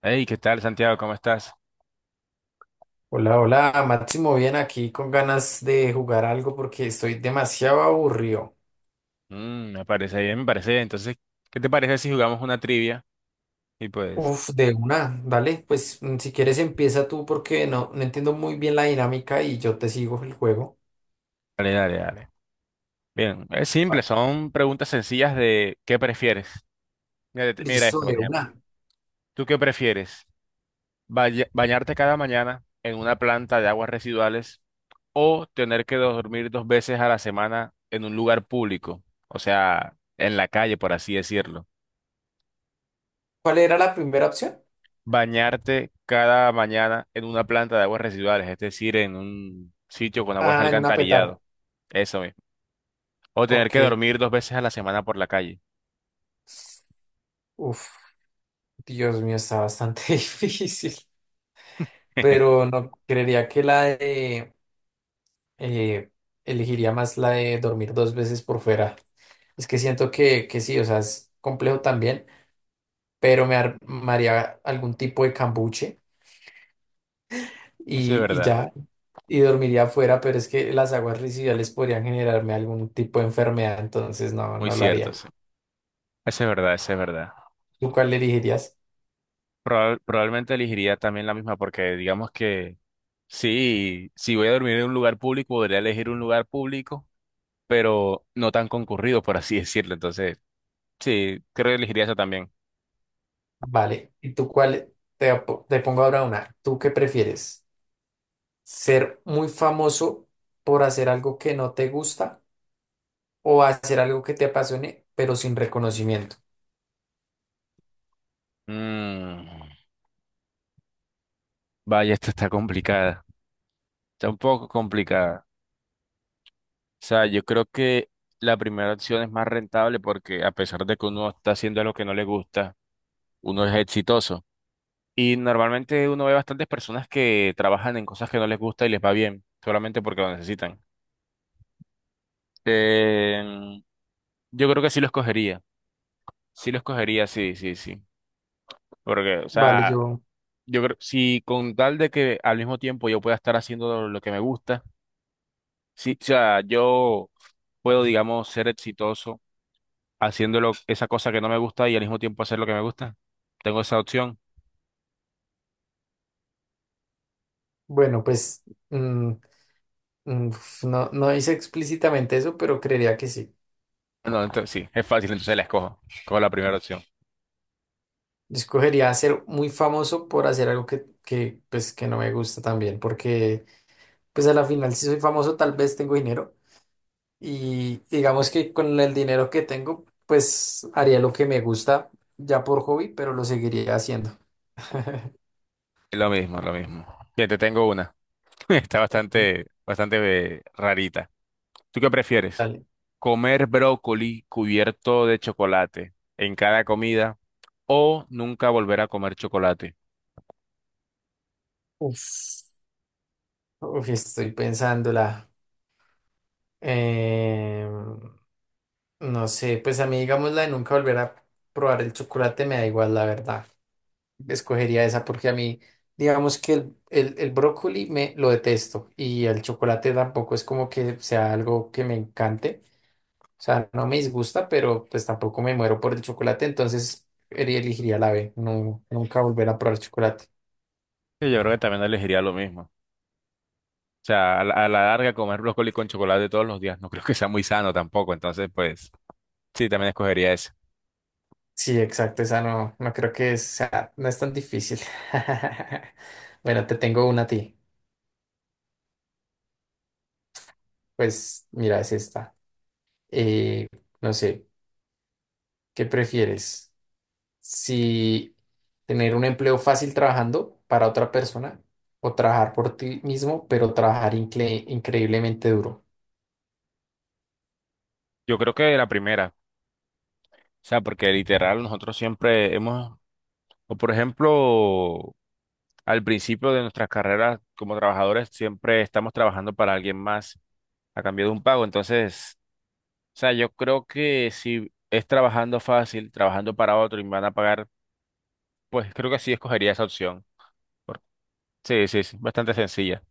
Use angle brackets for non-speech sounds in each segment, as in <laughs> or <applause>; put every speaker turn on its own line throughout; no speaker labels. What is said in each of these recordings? Hey, ¿qué tal, Santiago? ¿Cómo estás?
Hola, hola, Máximo, bien aquí con ganas de jugar algo porque estoy demasiado aburrido.
Me parece bien, me parece bien. Entonces, ¿qué te parece si jugamos una trivia? Y pues,
Uf, de una, dale, pues si quieres empieza tú porque no, no entiendo muy bien la dinámica y yo te sigo el juego.
dale, dale, dale. Bien, es simple, son preguntas sencillas de ¿qué prefieres? Mira, mira
Listo,
esto, por
de
ejemplo.
una.
¿Tú qué prefieres? ¿Bañarte cada mañana en una planta de aguas residuales o tener que dormir dos veces a la semana en un lugar público? O sea, en la calle, por así decirlo.
¿Cuál era la primera opción?
Bañarte cada mañana en una planta de aguas residuales, es decir, en un sitio con aguas de
Ah, en una petar.
alcantarillado. Eso mismo. O tener
Ok,
que dormir dos veces a la semana por la calle.
uf, Dios mío, está bastante <laughs> difícil,
<laughs>
pero no creería que eh, elegiría más la de dormir dos veces por fuera. Es que siento que sí, o sea, es complejo también. Pero me armaría algún tipo de cambuche
Eso es
y
verdad,
ya, y dormiría afuera, pero es que las aguas residuales podrían generarme algún tipo de enfermedad, entonces no,
muy
no lo
cierto.
haría.
Eso es verdad, eso es verdad.
¿Tú cuál elegirías?
Probablemente elegiría también la misma porque digamos que sí, si voy a dormir en un lugar público, podría elegir un lugar público, pero no tan concurrido, por así <laughs> decirlo. Entonces, sí, creo que elegiría eso también.
Vale, ¿y tú cuál? Te pongo ahora una. ¿Tú qué prefieres? ¿Ser muy famoso por hacer algo que no te gusta o hacer algo que te apasione, pero sin reconocimiento?
Mm, vaya, esta está complicada, está un poco complicada. O sea, yo creo que la primera opción es más rentable porque a pesar de que uno está haciendo lo que no le gusta, uno es exitoso. Y normalmente uno ve bastantes personas que trabajan en cosas que no les gusta y les va bien, solamente porque lo necesitan. Em, yo creo que sí lo escogería. Sí lo escogería, sí, sí, sí. Porque, o
Vale,
sea, yo creo, si con tal de que al mismo tiempo yo pueda estar haciendo lo que me gusta, sí, o sea, yo puedo, digamos, ser exitoso haciéndolo esa cosa que no me gusta y al mismo tiempo hacer lo que me gusta. Tengo esa opción.
bueno, pues mm, mm, no, no hice explícitamente eso, pero creería que sí.
No, entonces sí, es fácil, entonces la escojo. Escojo la primera opción.
Yo escogería ser muy famoso por hacer algo que, pues, que no me gusta también, porque pues a la final si soy famoso tal vez tengo dinero y digamos que con el dinero que tengo pues haría lo que me gusta ya por hobby, pero lo seguiría haciendo. <laughs>
Lo mismo, lo mismo. Bien, te tengo una. <laughs> Está
Ok,
bastante, bastante rarita. ¿Tú qué prefieres?
dale.
¿Comer brócoli cubierto de chocolate en cada comida o nunca volver a comer chocolate?
Uf, uf, estoy pensándola. Eh, no sé, pues a mí digamos la de nunca volver a probar el chocolate me da igual, la verdad. Escogería esa porque a mí, digamos que el brócoli me lo detesto y el chocolate tampoco es como que sea algo que me encante. O sea, no me disgusta, pero pues tampoco me muero por el chocolate, entonces elegiría la B, no, nunca volver a probar chocolate.
Sí, yo creo que también elegiría lo mismo. O sea, a la larga comer brócoli con chocolate todos los días no creo que sea muy sano tampoco, entonces pues sí, también escogería ese.
Sí, exacto, esa no, no creo que sea, no es tan difícil. <laughs> Bueno, te tengo una a ti. Pues mira, es esta. Eh, no sé, ¿qué prefieres? Si tener un empleo fácil trabajando para otra persona o trabajar por ti mismo, pero trabajar increíblemente duro.
Yo creo que la primera, o sea, porque literal nosotros siempre hemos, o por ejemplo, al principio de nuestras carreras como trabajadores siempre estamos trabajando para alguien más a cambio de un pago, entonces, o sea, yo creo que si es trabajando fácil, trabajando para otro y me van a pagar, pues creo que sí escogería esa opción. Por- Sí, sí, sí, bastante sencilla.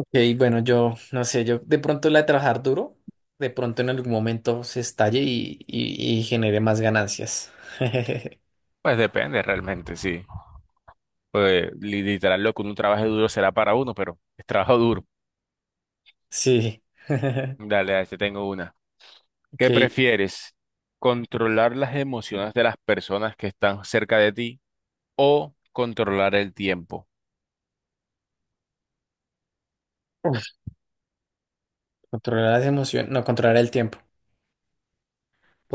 Ok, bueno, yo no sé, yo de pronto la de trabajar duro, de pronto en algún momento se estalle y genere más ganancias. <laughs>
Pues depende realmente, sí. Pues literal, lo que uno trabaje duro será para uno, pero es trabajo duro.
Sí. <laughs>
Dale, ahí te tengo una. ¿Qué
Ok.
prefieres? ¿Controlar las emociones de las personas que están cerca de ti o controlar el tiempo?
Uf, controlar las emociones, no, controlar el tiempo,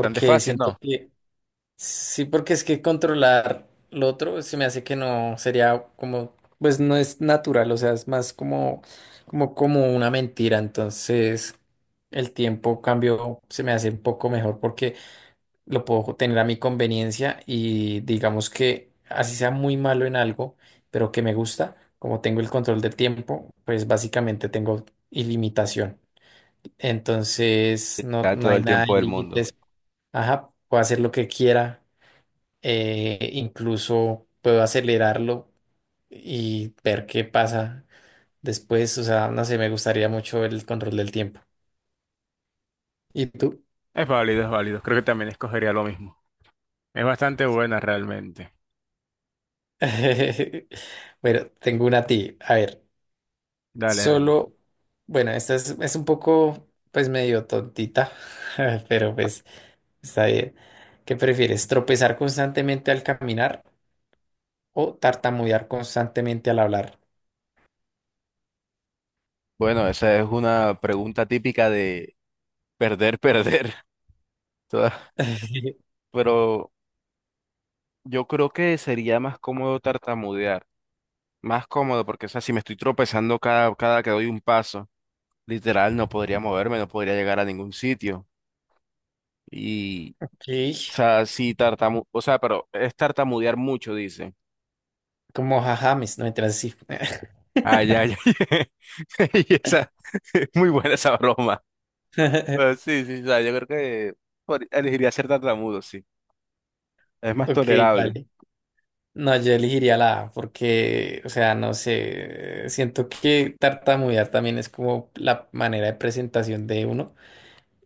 Bastante fácil,
siento
¿no?
que sí, porque es que controlar lo otro se me hace que no sería como, pues no es natural, o sea, es más como una mentira. Entonces, el tiempo cambio se me hace un poco mejor porque lo puedo tener a mi conveniencia y digamos que así sea muy malo en algo, pero que me gusta, como tengo el control del tiempo, pues básicamente tengo ilimitación. Entonces, no,
Ya
no
todo
hay
el
nada de
tiempo del mundo.
límites. Ajá, puedo hacer lo que quiera incluso puedo acelerarlo y ver qué pasa después. O sea, no sé, me gustaría mucho el control del tiempo. ¿Y tú?
Es válido, es válido. Creo que también escogería lo mismo. Es bastante buena realmente.
<laughs> Bueno, tengo una a ti. A ver,
Dale, dale.
solo, bueno, esta es un poco, pues medio tontita, <laughs> pero pues está bien. ¿Qué prefieres? ¿Tropezar constantemente al caminar o tartamudear constantemente al hablar?
Bueno, esa es una pregunta típica de perder, perder. <laughs> Toda-
<laughs>
pero yo creo que sería más cómodo tartamudear, más cómodo porque, o sea, si me estoy tropezando cada que doy un paso, literal no podría moverme, no podría llegar a ningún sitio. Y, o
Ok,
sea, si tartamu, o sea, pero es tartamudear mucho, dice.
como jajames, no me así.
Ah, ya, ya. <laughs> Y esa, <laughs> es muy buena esa broma. Pero
<laughs>
sí, sí, o sea, yo creo que elegiría ser tartamudo, sí. Es más
Ok,
tolerable.
vale. No, yo elegiría la A porque, o sea, no sé, siento que tartamudear también es como la manera de presentación de uno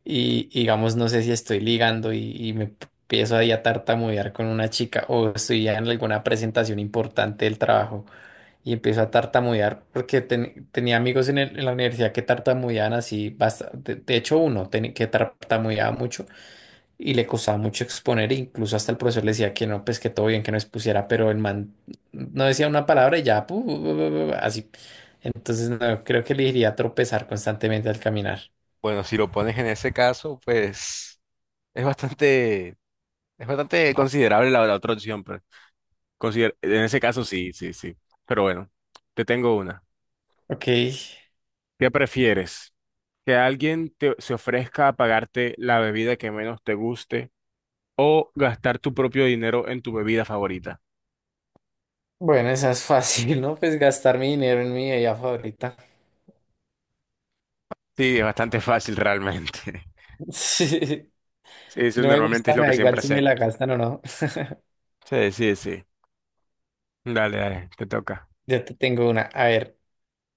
y digamos, no sé si estoy ligando y me empiezo ahí a tartamudear con una chica o estoy ya en alguna presentación importante del trabajo y empiezo a tartamudear porque tenía amigos en la universidad que tartamudeaban así, de hecho uno que tartamudeaba mucho. Y le costaba mucho exponer, e incluso hasta el profesor le decía que no, pues que todo bien, que no expusiera, pero el man no decía una palabra y ya, pu- pu- pu- pu- así. Entonces, no, creo que le iría a tropezar constantemente al caminar.
Bueno, si lo pones en ese caso, pues es bastante, es bastante considerable la, la otra opción, pues. En ese caso sí, sí, sí. Pero bueno, te tengo una.
Ok,
¿Qué prefieres? ¿Que alguien se ofrezca a pagarte la bebida que menos te guste o gastar tu propio dinero en tu bebida favorita?
bueno, esa es fácil, ¿no? Pues gastar mi dinero en mi bebida favorita. <laughs>
Sí, es bastante fácil realmente. <laughs>
Sí.
Sí,
Si
eso
no me
normalmente
gusta,
es lo
me
que
da
siempre
igual si me
hacemos.
la gastan o no.
Sí, sí, sí. Dale, dale, te toca.
Yo te tengo una. A ver,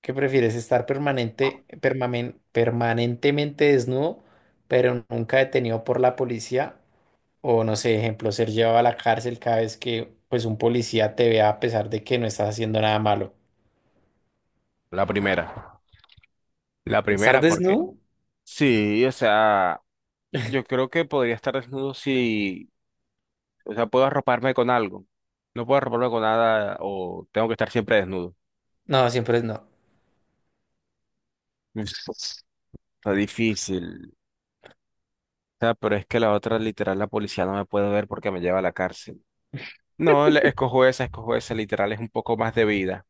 ¿qué prefieres? ¿Estar permanentemente desnudo, pero nunca detenido por la policía? O no sé, ejemplo, ser llevado a la cárcel cada vez que pues un policía te vea a pesar de que no estás haciendo nada malo.
La primera. La
¿Estar
primera, porque
desnudo?
sí, o sea, yo creo que podría estar desnudo si, o sea, puedo arroparme con algo. No puedo arroparme con nada o tengo que estar siempre desnudo.
No, siempre es no.
Es- Está difícil. O sea, pero es que la otra, literal, la policía no me puede ver porque me lleva a la cárcel. No, escojo esa, literal, es un poco más de vida.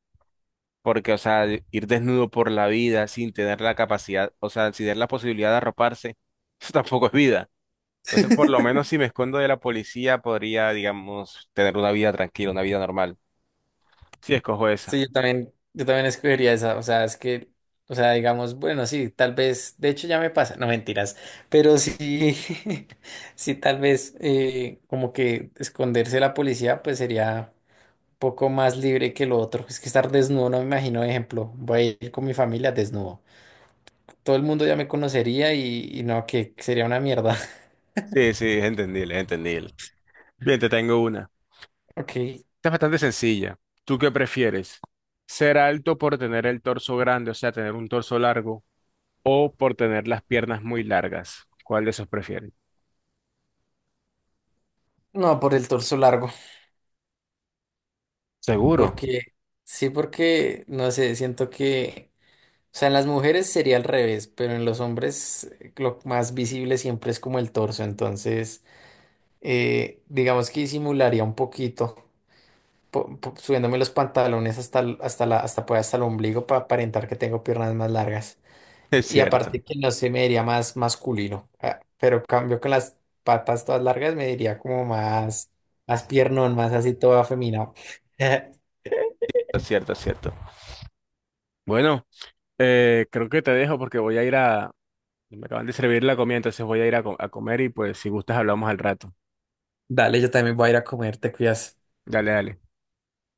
Porque, o sea, ir desnudo por la vida sin tener la capacidad, o sea, sin tener la posibilidad de arroparse, <laughs> eso tampoco es vida. Entonces, por lo
<laughs>
menos si me escondo de la policía, podría, digamos, tener una vida tranquila, una vida normal. Sí, escojo esa.
Sí, yo también escogería esa. O sea, es que, o sea, digamos, bueno, sí, tal vez, de hecho ya me pasa, no mentiras, pero sí, <laughs> sí, tal vez como que esconderse de la policía, pues sería un poco más libre que lo otro. Es que estar desnudo, no me imagino, ejemplo, voy a ir con mi familia desnudo. Todo el mundo ya me conocería y no, que sería una mierda. <laughs>
Sí, sí, es entendible, es entendible. Bien, te tengo una.
Ok.
Esta es bastante sencilla. ¿Tú qué prefieres? ¿Ser alto por tener el torso grande, o sea, tener un torso largo, o por tener las piernas muy largas? ¿Cuál de esos prefieres?
No, por el torso largo.
Seguro. <laughs>
Porque, sí, porque, no sé, siento que, o sea, en las mujeres sería al revés, pero en los hombres lo más visible siempre es como el torso. Entonces, digamos que disimularía un poquito, subiéndome los pantalones hasta, el- hasta la, hasta, pues, hasta el ombligo para aparentar que tengo piernas más largas.
Es
Y
cierto,
aparte que no se me diría más masculino, ah, pero cambio con las patas todas largas me diría como más piernón, más así todo afeminado. <laughs>
es cierto, es cierto. Bueno, creo que te dejo porque voy a ir a... Me acaban de servir la comida, entonces voy a ir a comer y pues si gustas hablamos al rato.
Dale, yo también voy a ir a comer, te cuidas.
Dale, dale.